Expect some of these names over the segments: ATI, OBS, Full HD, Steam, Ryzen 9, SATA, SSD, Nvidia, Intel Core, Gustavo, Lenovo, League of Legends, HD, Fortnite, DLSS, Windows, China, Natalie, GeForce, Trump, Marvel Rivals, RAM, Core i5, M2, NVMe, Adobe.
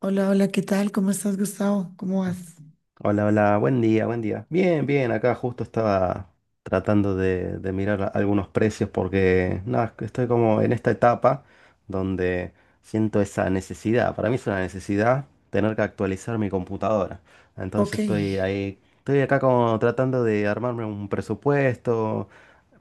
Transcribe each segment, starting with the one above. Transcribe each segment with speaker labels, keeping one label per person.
Speaker 1: Hola, hola, ¿qué tal? ¿Cómo estás, Gustavo? ¿Cómo vas?
Speaker 2: Hola, hola, buen día, buen día. Bien, bien, acá justo estaba tratando de mirar algunos precios porque nada, que estoy como en esta etapa donde siento esa necesidad. Para mí es una necesidad tener que actualizar mi computadora. Entonces
Speaker 1: Ok,
Speaker 2: estoy ahí, estoy acá como tratando de armarme un presupuesto,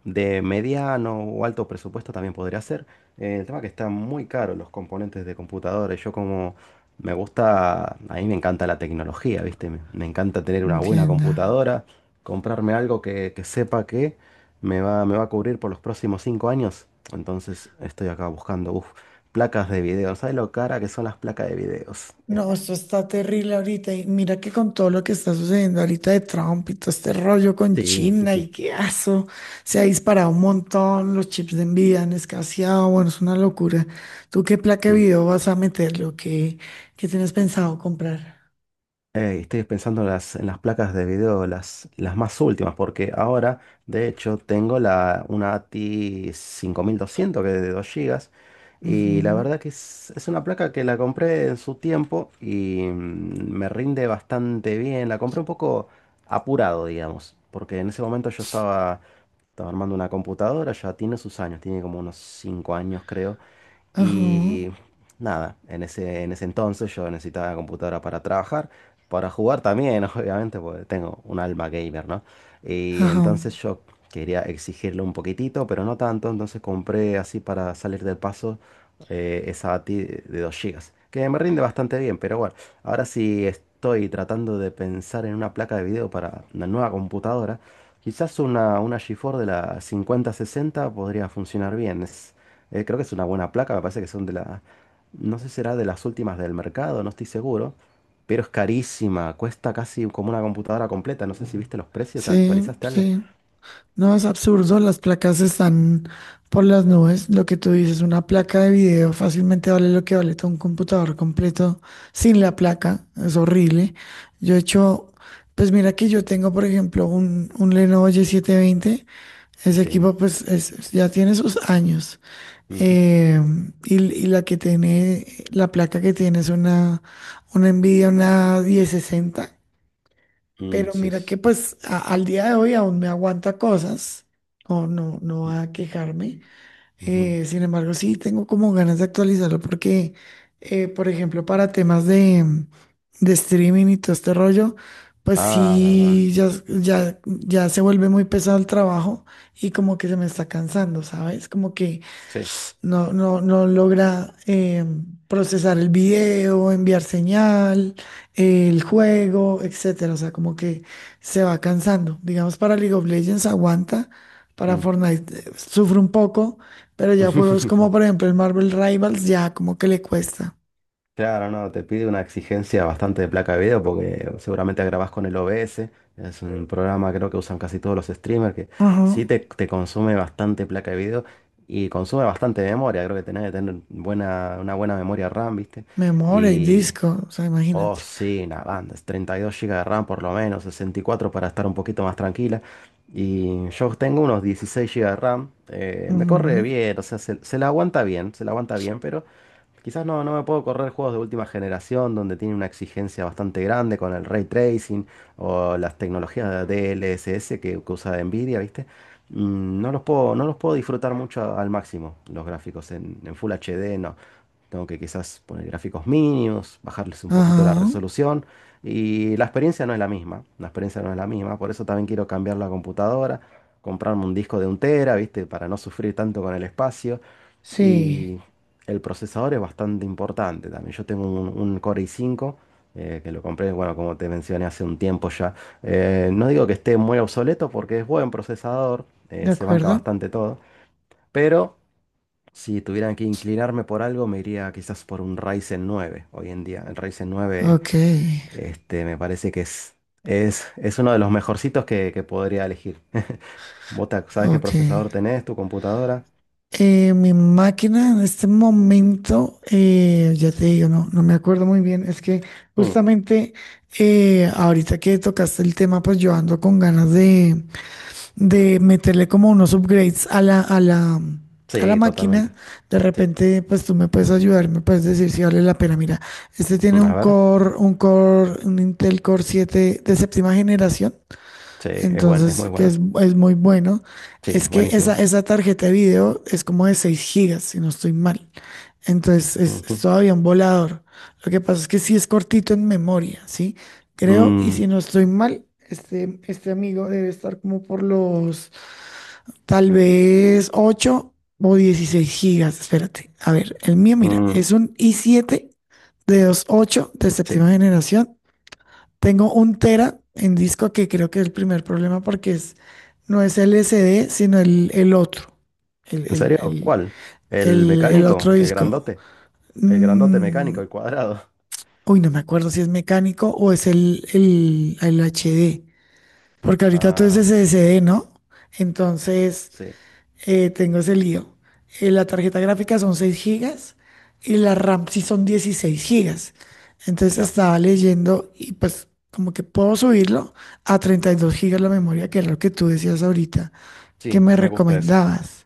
Speaker 2: de mediano o alto presupuesto también podría ser. El tema que están muy caros los componentes de computadores. Yo como me gusta, a mí me encanta la tecnología, ¿viste? Me encanta tener una buena
Speaker 1: entienda.
Speaker 2: computadora, comprarme algo que sepa que me va a cubrir por los próximos 5 años. Entonces estoy acá buscando, uf, placas de video. ¿Sabes lo cara que son las placas de videos?
Speaker 1: No, esto está terrible ahorita. Y mira que con todo lo que está sucediendo ahorita de Trump y todo este rollo con
Speaker 2: Sí, sí,
Speaker 1: China
Speaker 2: sí.
Speaker 1: y qué aso, se ha disparado un montón, los chips de envidia han escaseado, bueno, es una locura. ¿Tú qué placa de
Speaker 2: Mm.
Speaker 1: video vas a meter? ¿Qué tienes pensado comprar?
Speaker 2: Ey, estoy pensando en las placas de video, las más últimas, porque ahora, de hecho, tengo una ATI 200 que es de 2 gigas. Y la
Speaker 1: Ujú.
Speaker 2: verdad que es una placa que la compré en su tiempo y me rinde bastante bien. La compré un poco apurado, digamos, porque en ese momento yo estaba armando una computadora, ya tiene sus años, tiene como unos 5 años, creo.
Speaker 1: Ajá,
Speaker 2: Y nada, en ese entonces yo necesitaba computadora para trabajar. Para jugar también, obviamente, porque tengo un alma gamer, ¿no? Y
Speaker 1: ajá.
Speaker 2: entonces yo quería exigirle un poquitito, pero no tanto, entonces compré así para salir del paso, esa ATI de 2 gigas que me rinde bastante bien, pero bueno, ahora sí estoy tratando de pensar en una placa de video para una nueva computadora. Quizás una GeForce de la 5060 podría funcionar bien. Creo que es una buena placa, me parece que son de la. No sé si será de las últimas del mercado, no estoy seguro, pero es carísima, cuesta casi como una computadora completa. No sé si viste los precios, ¿te
Speaker 1: Sí,
Speaker 2: actualizaste algo?
Speaker 1: sí. No, es absurdo, las placas están por las nubes. Lo que tú dices, una placa de video fácilmente vale lo que vale todo un computador completo sin la placa. Es horrible. Yo he hecho, pues mira que yo tengo, por ejemplo, un Lenovo y 720. Ese
Speaker 2: Sí.
Speaker 1: equipo pues ya tiene sus años.
Speaker 2: Ujú.
Speaker 1: Eh, y la que tiene, la placa que tiene es una Nvidia, una 1060. Pero
Speaker 2: Sí.
Speaker 1: mira que pues al día de hoy aún me aguanta cosas, o no va a quejarme.
Speaker 2: Ujú.
Speaker 1: Sin embargo, sí tengo como ganas de actualizarlo porque, por ejemplo, para temas de streaming y todo este rollo, pues
Speaker 2: Ah, verdad.
Speaker 1: sí, ya se vuelve muy pesado el trabajo y como que se me está cansando, ¿sabes? Como que
Speaker 2: Sí.
Speaker 1: no logra procesar el video, enviar señal, el juego, etcétera. O sea, como que se va cansando. Digamos, para League of Legends aguanta, para
Speaker 2: Mm.
Speaker 1: Fortnite sufre un poco, pero ya juegos como por ejemplo el Marvel Rivals ya como que le cuesta.
Speaker 2: Claro, no, te pide una exigencia bastante de placa de video porque seguramente grabás con el OBS. Es un programa creo que usan casi todos los streamers que
Speaker 1: Ajá.
Speaker 2: sí te consume bastante placa de video y consume bastante memoria. Creo que tenés que tener una buena memoria RAM, ¿viste?
Speaker 1: Memoria y
Speaker 2: Y
Speaker 1: disco, o sea,
Speaker 2: Oh,
Speaker 1: imagínate.
Speaker 2: sí, una banda, es 32 gigas de RAM por lo menos, 64 para estar un poquito más tranquila. Y yo tengo unos 16 gigas de RAM, me corre
Speaker 1: Ujú.
Speaker 2: bien, o sea, se la aguanta bien, se la aguanta bien, pero. Quizás no, no me puedo correr juegos de última generación donde tiene una exigencia bastante grande con el ray tracing o las tecnologías de DLSS que usa Nvidia, ¿viste? No los puedo, no los puedo disfrutar mucho al máximo los gráficos en Full HD, no. Tengo que quizás poner gráficos mínimos, bajarles un poquito la
Speaker 1: Ajá.
Speaker 2: resolución y la experiencia no es la misma, la experiencia no es la misma, por eso también quiero cambiar la computadora, comprarme un disco de un tera, ¿viste? Para no sufrir tanto con el espacio.
Speaker 1: Sí,
Speaker 2: Y el procesador es bastante importante también. Yo tengo un Core i5, que lo compré, bueno, como te mencioné hace un tiempo ya. No digo que esté muy obsoleto porque es buen procesador,
Speaker 1: de
Speaker 2: se banca
Speaker 1: acuerdo.
Speaker 2: bastante todo, pero si tuvieran que inclinarme por algo, me iría quizás por un Ryzen 9 hoy en día. El Ryzen 9,
Speaker 1: Ok,
Speaker 2: este, me parece que es uno de los mejorcitos que podría elegir. ¿Vos sabés qué
Speaker 1: ok.
Speaker 2: procesador tenés, tu computadora?
Speaker 1: Mi máquina en este momento, ya te digo, no me acuerdo muy bien. Es que
Speaker 2: Mm,
Speaker 1: justamente, ahorita que tocaste el tema, pues yo ando con ganas de meterle como unos upgrades a la
Speaker 2: sí,
Speaker 1: máquina.
Speaker 2: totalmente.
Speaker 1: De
Speaker 2: Sí.
Speaker 1: repente, pues tú me puedes ayudar, me puedes decir si vale la pena. Mira, este tiene
Speaker 2: A
Speaker 1: un
Speaker 2: ver.
Speaker 1: Core, un Core, un Intel Core 7 de séptima generación.
Speaker 2: Sí, es bueno, es muy
Speaker 1: Entonces, que
Speaker 2: bueno.
Speaker 1: es muy bueno,
Speaker 2: Sí,
Speaker 1: es que esa,
Speaker 2: buenísimo.
Speaker 1: esa tarjeta de video es como de 6 gigas, si no estoy mal. Entonces, es
Speaker 2: Ujú.
Speaker 1: todavía un volador. Lo que pasa es que sí es cortito en memoria, ¿sí? Creo, y
Speaker 2: Mm,
Speaker 1: si no estoy mal, este amigo debe estar como por los, tal vez, 8 o 16 gigas. Espérate, a ver, el mío, mira,
Speaker 2: mm,
Speaker 1: es un i7 de 2.8 de
Speaker 2: sí.
Speaker 1: séptima generación. Tengo un tera en disco que creo que es el primer problema porque no es el SD, sino el otro, el,
Speaker 2: ¿En
Speaker 1: el-
Speaker 2: serio?
Speaker 1: el-
Speaker 2: ¿Cuál? ¿El
Speaker 1: el
Speaker 2: mecánico?
Speaker 1: otro
Speaker 2: ¿El
Speaker 1: disco.
Speaker 2: grandote? El grandote
Speaker 1: Mm,
Speaker 2: mecánico, el cuadrado.
Speaker 1: uy, no me acuerdo si es mecánico o es el HD, porque ahorita todo es
Speaker 2: Ah,
Speaker 1: SSD, ¿no? Entonces,
Speaker 2: sí,
Speaker 1: tengo ese lío. La tarjeta gráfica son 6 gigas y la RAM sí son 16 gigas. Entonces
Speaker 2: claro.
Speaker 1: estaba leyendo y pues como que puedo subirlo a 32 gigas la memoria, que es lo que tú decías ahorita, que
Speaker 2: Sí,
Speaker 1: me
Speaker 2: me gusta eso.
Speaker 1: recomendabas.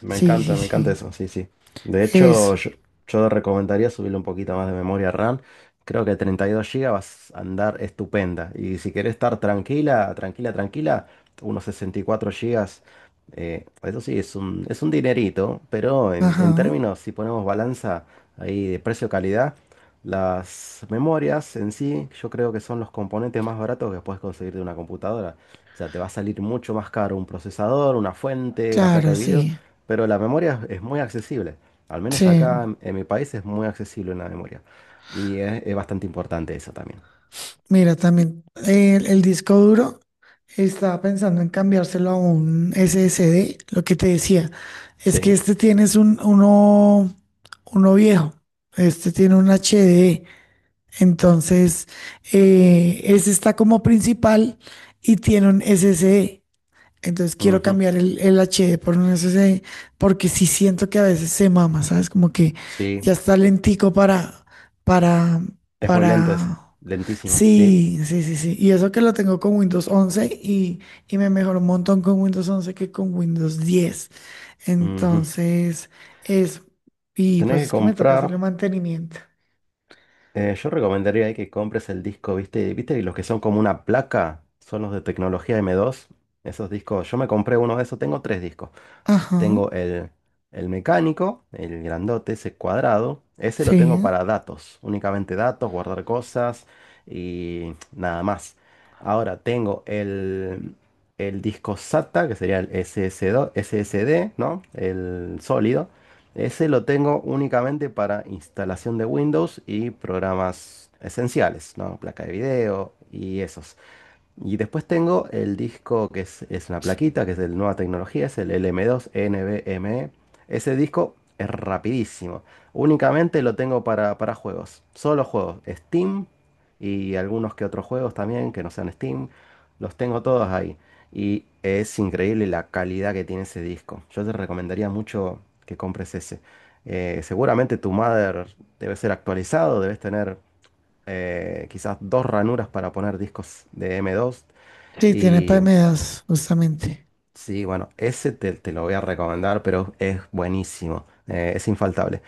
Speaker 1: Sí, sí,
Speaker 2: Me encanta
Speaker 1: sí.
Speaker 2: eso, sí, sí. De hecho,
Speaker 1: Eso.
Speaker 2: yo recomendaría subirle un poquito más de memoria RAM. Creo que 32 gigas vas a andar estupenda. Y si querés estar tranquila, tranquila, tranquila, unos 64 GB. Eso sí, es un dinerito, pero en
Speaker 1: Ajá.
Speaker 2: términos, si ponemos balanza ahí de precio-calidad, las memorias en sí, yo creo que son los componentes más baratos que puedes conseguir de una computadora. O sea, te va a salir mucho más caro un procesador, una fuente, una placa
Speaker 1: Claro,
Speaker 2: de video,
Speaker 1: sí.
Speaker 2: pero la memoria es muy accesible. Al menos
Speaker 1: Sí.
Speaker 2: acá en mi país es muy accesible la memoria. Y es bastante importante eso también.
Speaker 1: Mira, también el disco duro estaba pensando en cambiárselo a un SSD. Lo que te decía es que
Speaker 2: Sí.
Speaker 1: este tienes uno viejo. Este tiene un HD. Entonces, ese está como principal y tiene un SSD. Entonces quiero
Speaker 2: Ujú.
Speaker 1: cambiar el HD por un SSD porque sí siento que a veces se mama, ¿sabes? Como que
Speaker 2: Sí.
Speaker 1: ya está lentico para,
Speaker 2: Es muy lento ese.
Speaker 1: para.
Speaker 2: Lentísimo. Sí.
Speaker 1: Sí, sí, sí, sí. Y eso que lo tengo con Windows 11 y me mejoró un montón con Windows 11 que con Windows 10.
Speaker 2: Ujú.
Speaker 1: Entonces, es... Y
Speaker 2: Tenés
Speaker 1: pues
Speaker 2: que
Speaker 1: es que me toca
Speaker 2: comprar.
Speaker 1: hacerle mantenimiento.
Speaker 2: Yo recomendaría ahí que compres el disco, ¿viste? ¿Viste? Y los que son como una placa son los de tecnología M2. Esos discos. Yo me compré uno de esos. Tengo tres discos.
Speaker 1: Ajá,
Speaker 2: Tengo el mecánico, el grandote, ese cuadrado. Ese lo tengo
Speaker 1: sí.
Speaker 2: para datos, únicamente datos, guardar cosas y nada más. Ahora tengo el disco SATA, que sería el SSD, ¿no? El sólido. Ese lo tengo únicamente para instalación de Windows y programas esenciales, ¿no? Placa de video y eso. Y después tengo el disco que es una plaquita, que es de nueva tecnología, es el LM2 NVMe. Ese disco es rapidísimo. Únicamente lo tengo para juegos. Solo juegos. Steam y algunos que otros juegos también que no sean Steam. Los tengo todos ahí. Y es increíble la calidad que tiene ese disco. Yo te recomendaría mucho que compres ese. Seguramente tu mother debe ser actualizado, debes tener, quizás dos ranuras para poner discos de M2,
Speaker 1: Sí, tiene
Speaker 2: y
Speaker 1: PMDAs, justamente.
Speaker 2: sí, bueno, ese te lo voy a recomendar, pero es buenísimo, es infaltable.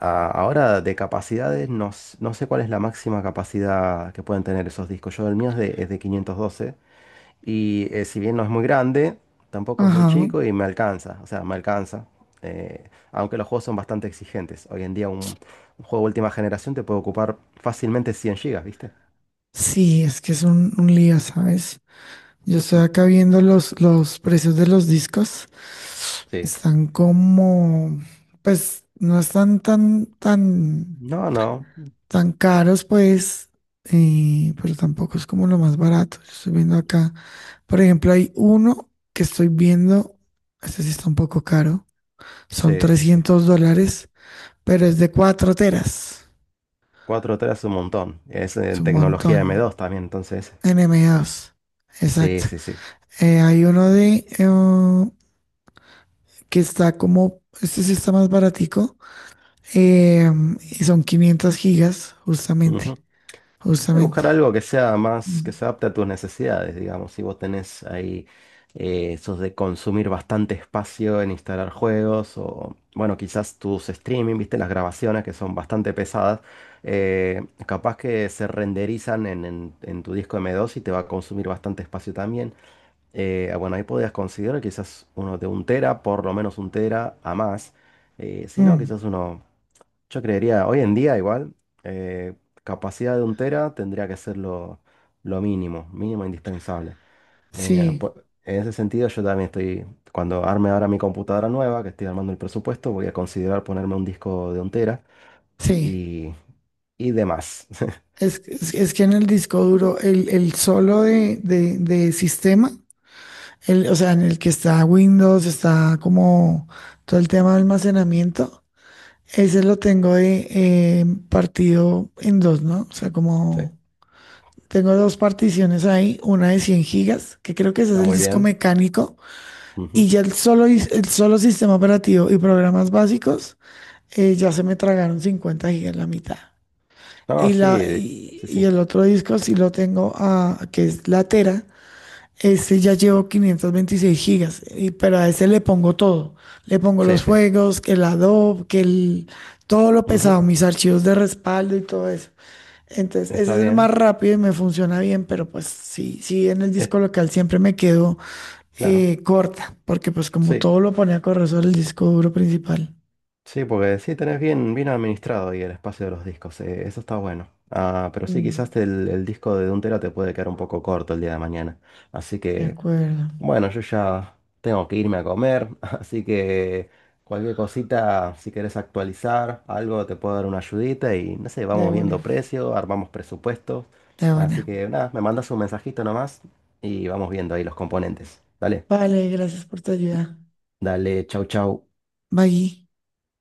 Speaker 2: Ah, ahora, de capacidades, no, no sé cuál es la máxima capacidad que pueden tener esos discos. Yo, el mío es de 512, y si bien no es muy grande, tampoco es muy
Speaker 1: Ajá.
Speaker 2: chico y me alcanza, o sea, me alcanza. Aunque los juegos son bastante exigentes. Hoy en día un juego de última generación te puede ocupar fácilmente 100 gigas, ¿viste?
Speaker 1: Sí, es que es un lío, ¿sabes? Yo estoy
Speaker 2: Mm.
Speaker 1: acá viendo los precios de los discos.
Speaker 2: Sí.
Speaker 1: Están como, pues no están tan, tan,
Speaker 2: No, no.
Speaker 1: tan caros, pues, pero tampoco es como lo más barato. Yo estoy viendo acá, por ejemplo, hay uno que estoy viendo, este sí está un poco caro, son
Speaker 2: Sí, sí, sí.
Speaker 1: $300, pero es de 4 teras.
Speaker 2: Cuatro 3 es un montón. Es
Speaker 1: Es
Speaker 2: en
Speaker 1: un
Speaker 2: tecnología m
Speaker 1: montón.
Speaker 2: dos también, entonces.
Speaker 1: En m M2.
Speaker 2: Sí,
Speaker 1: Exacto.
Speaker 2: sí, sí.
Speaker 1: Hay uno de que está como, este sí está más baratico, eh, y son 500 gigas, justamente,
Speaker 2: Ujú. Y buscar
Speaker 1: justamente.
Speaker 2: algo que sea más,
Speaker 1: Mm.
Speaker 2: que se adapte a tus necesidades, digamos. Si vos tenés ahí, esos de consumir bastante espacio en instalar juegos o, bueno, quizás tus streaming, viste, las grabaciones que son bastante pesadas, capaz que se renderizan en tu disco M2 y te va a consumir bastante espacio también. Bueno, ahí podías considerar quizás uno de un tera, por lo menos un tera a más. Si no,
Speaker 1: Mm,
Speaker 2: quizás uno, yo creería, hoy en día igual, eh, capacidad de un tera tendría que ser lo mínimo, mínimo indispensable. Eh,
Speaker 1: sí,
Speaker 2: po- en ese sentido, yo también estoy, cuando arme ahora mi computadora nueva, que estoy armando el presupuesto, voy a considerar ponerme un disco de un tera
Speaker 1: sí.
Speaker 2: y, y demás.
Speaker 1: Es que en el disco duro, el solo de sistema, el, o sea, en el que está Windows, está como todo el tema de almacenamiento, ese lo tengo de, partido en dos, ¿no? O sea,
Speaker 2: Sí,
Speaker 1: como tengo dos particiones ahí, una de 100 gigas, que creo que ese es
Speaker 2: está
Speaker 1: el
Speaker 2: muy
Speaker 1: disco
Speaker 2: bien.
Speaker 1: mecánico. Y
Speaker 2: Ujú.
Speaker 1: ya el solo sistema operativo y programas básicos, ya se me tragaron 50 gigas, la mitad.
Speaker 2: No,
Speaker 1: Y, la,
Speaker 2: sí,
Speaker 1: y,
Speaker 2: sí,
Speaker 1: y
Speaker 2: sí,
Speaker 1: el otro disco sí lo tengo, a, que es la Tera, este ya llevo 526 gigas, y, pero a ese le pongo todo. Le pongo
Speaker 2: sí,
Speaker 1: los
Speaker 2: sí.
Speaker 1: juegos, que el Adobe, todo lo pesado,
Speaker 2: Ujú,
Speaker 1: mis archivos de respaldo y todo eso. Entonces, ese
Speaker 2: Está
Speaker 1: es el más
Speaker 2: bien.
Speaker 1: rápido y me funciona bien, pero pues sí, sí, en el disco local siempre me quedo
Speaker 2: Claro,
Speaker 1: corta, porque pues como
Speaker 2: sí,
Speaker 1: todo lo pone a correr sobre el disco duro principal.
Speaker 2: sí, porque sí tenés bien, bien administrado ahí el espacio de los discos, eso está bueno. Ah, pero sí, quizás
Speaker 1: Mm,
Speaker 2: el disco de un tera te puede quedar un poco corto el día de mañana. Así
Speaker 1: de
Speaker 2: que,
Speaker 1: acuerdo.
Speaker 2: bueno, yo ya tengo que irme a comer, así que cualquier cosita, si querés actualizar algo, te puedo dar una ayudita y no sé,
Speaker 1: De
Speaker 2: vamos
Speaker 1: buena.
Speaker 2: viendo precio, armamos presupuestos.
Speaker 1: De
Speaker 2: Así
Speaker 1: buena.
Speaker 2: que nada, me mandas un mensajito nomás y vamos viendo ahí los componentes. Dale,
Speaker 1: Vale, gracias por tu ayuda.
Speaker 2: dale, chau, chau.
Speaker 1: Bye.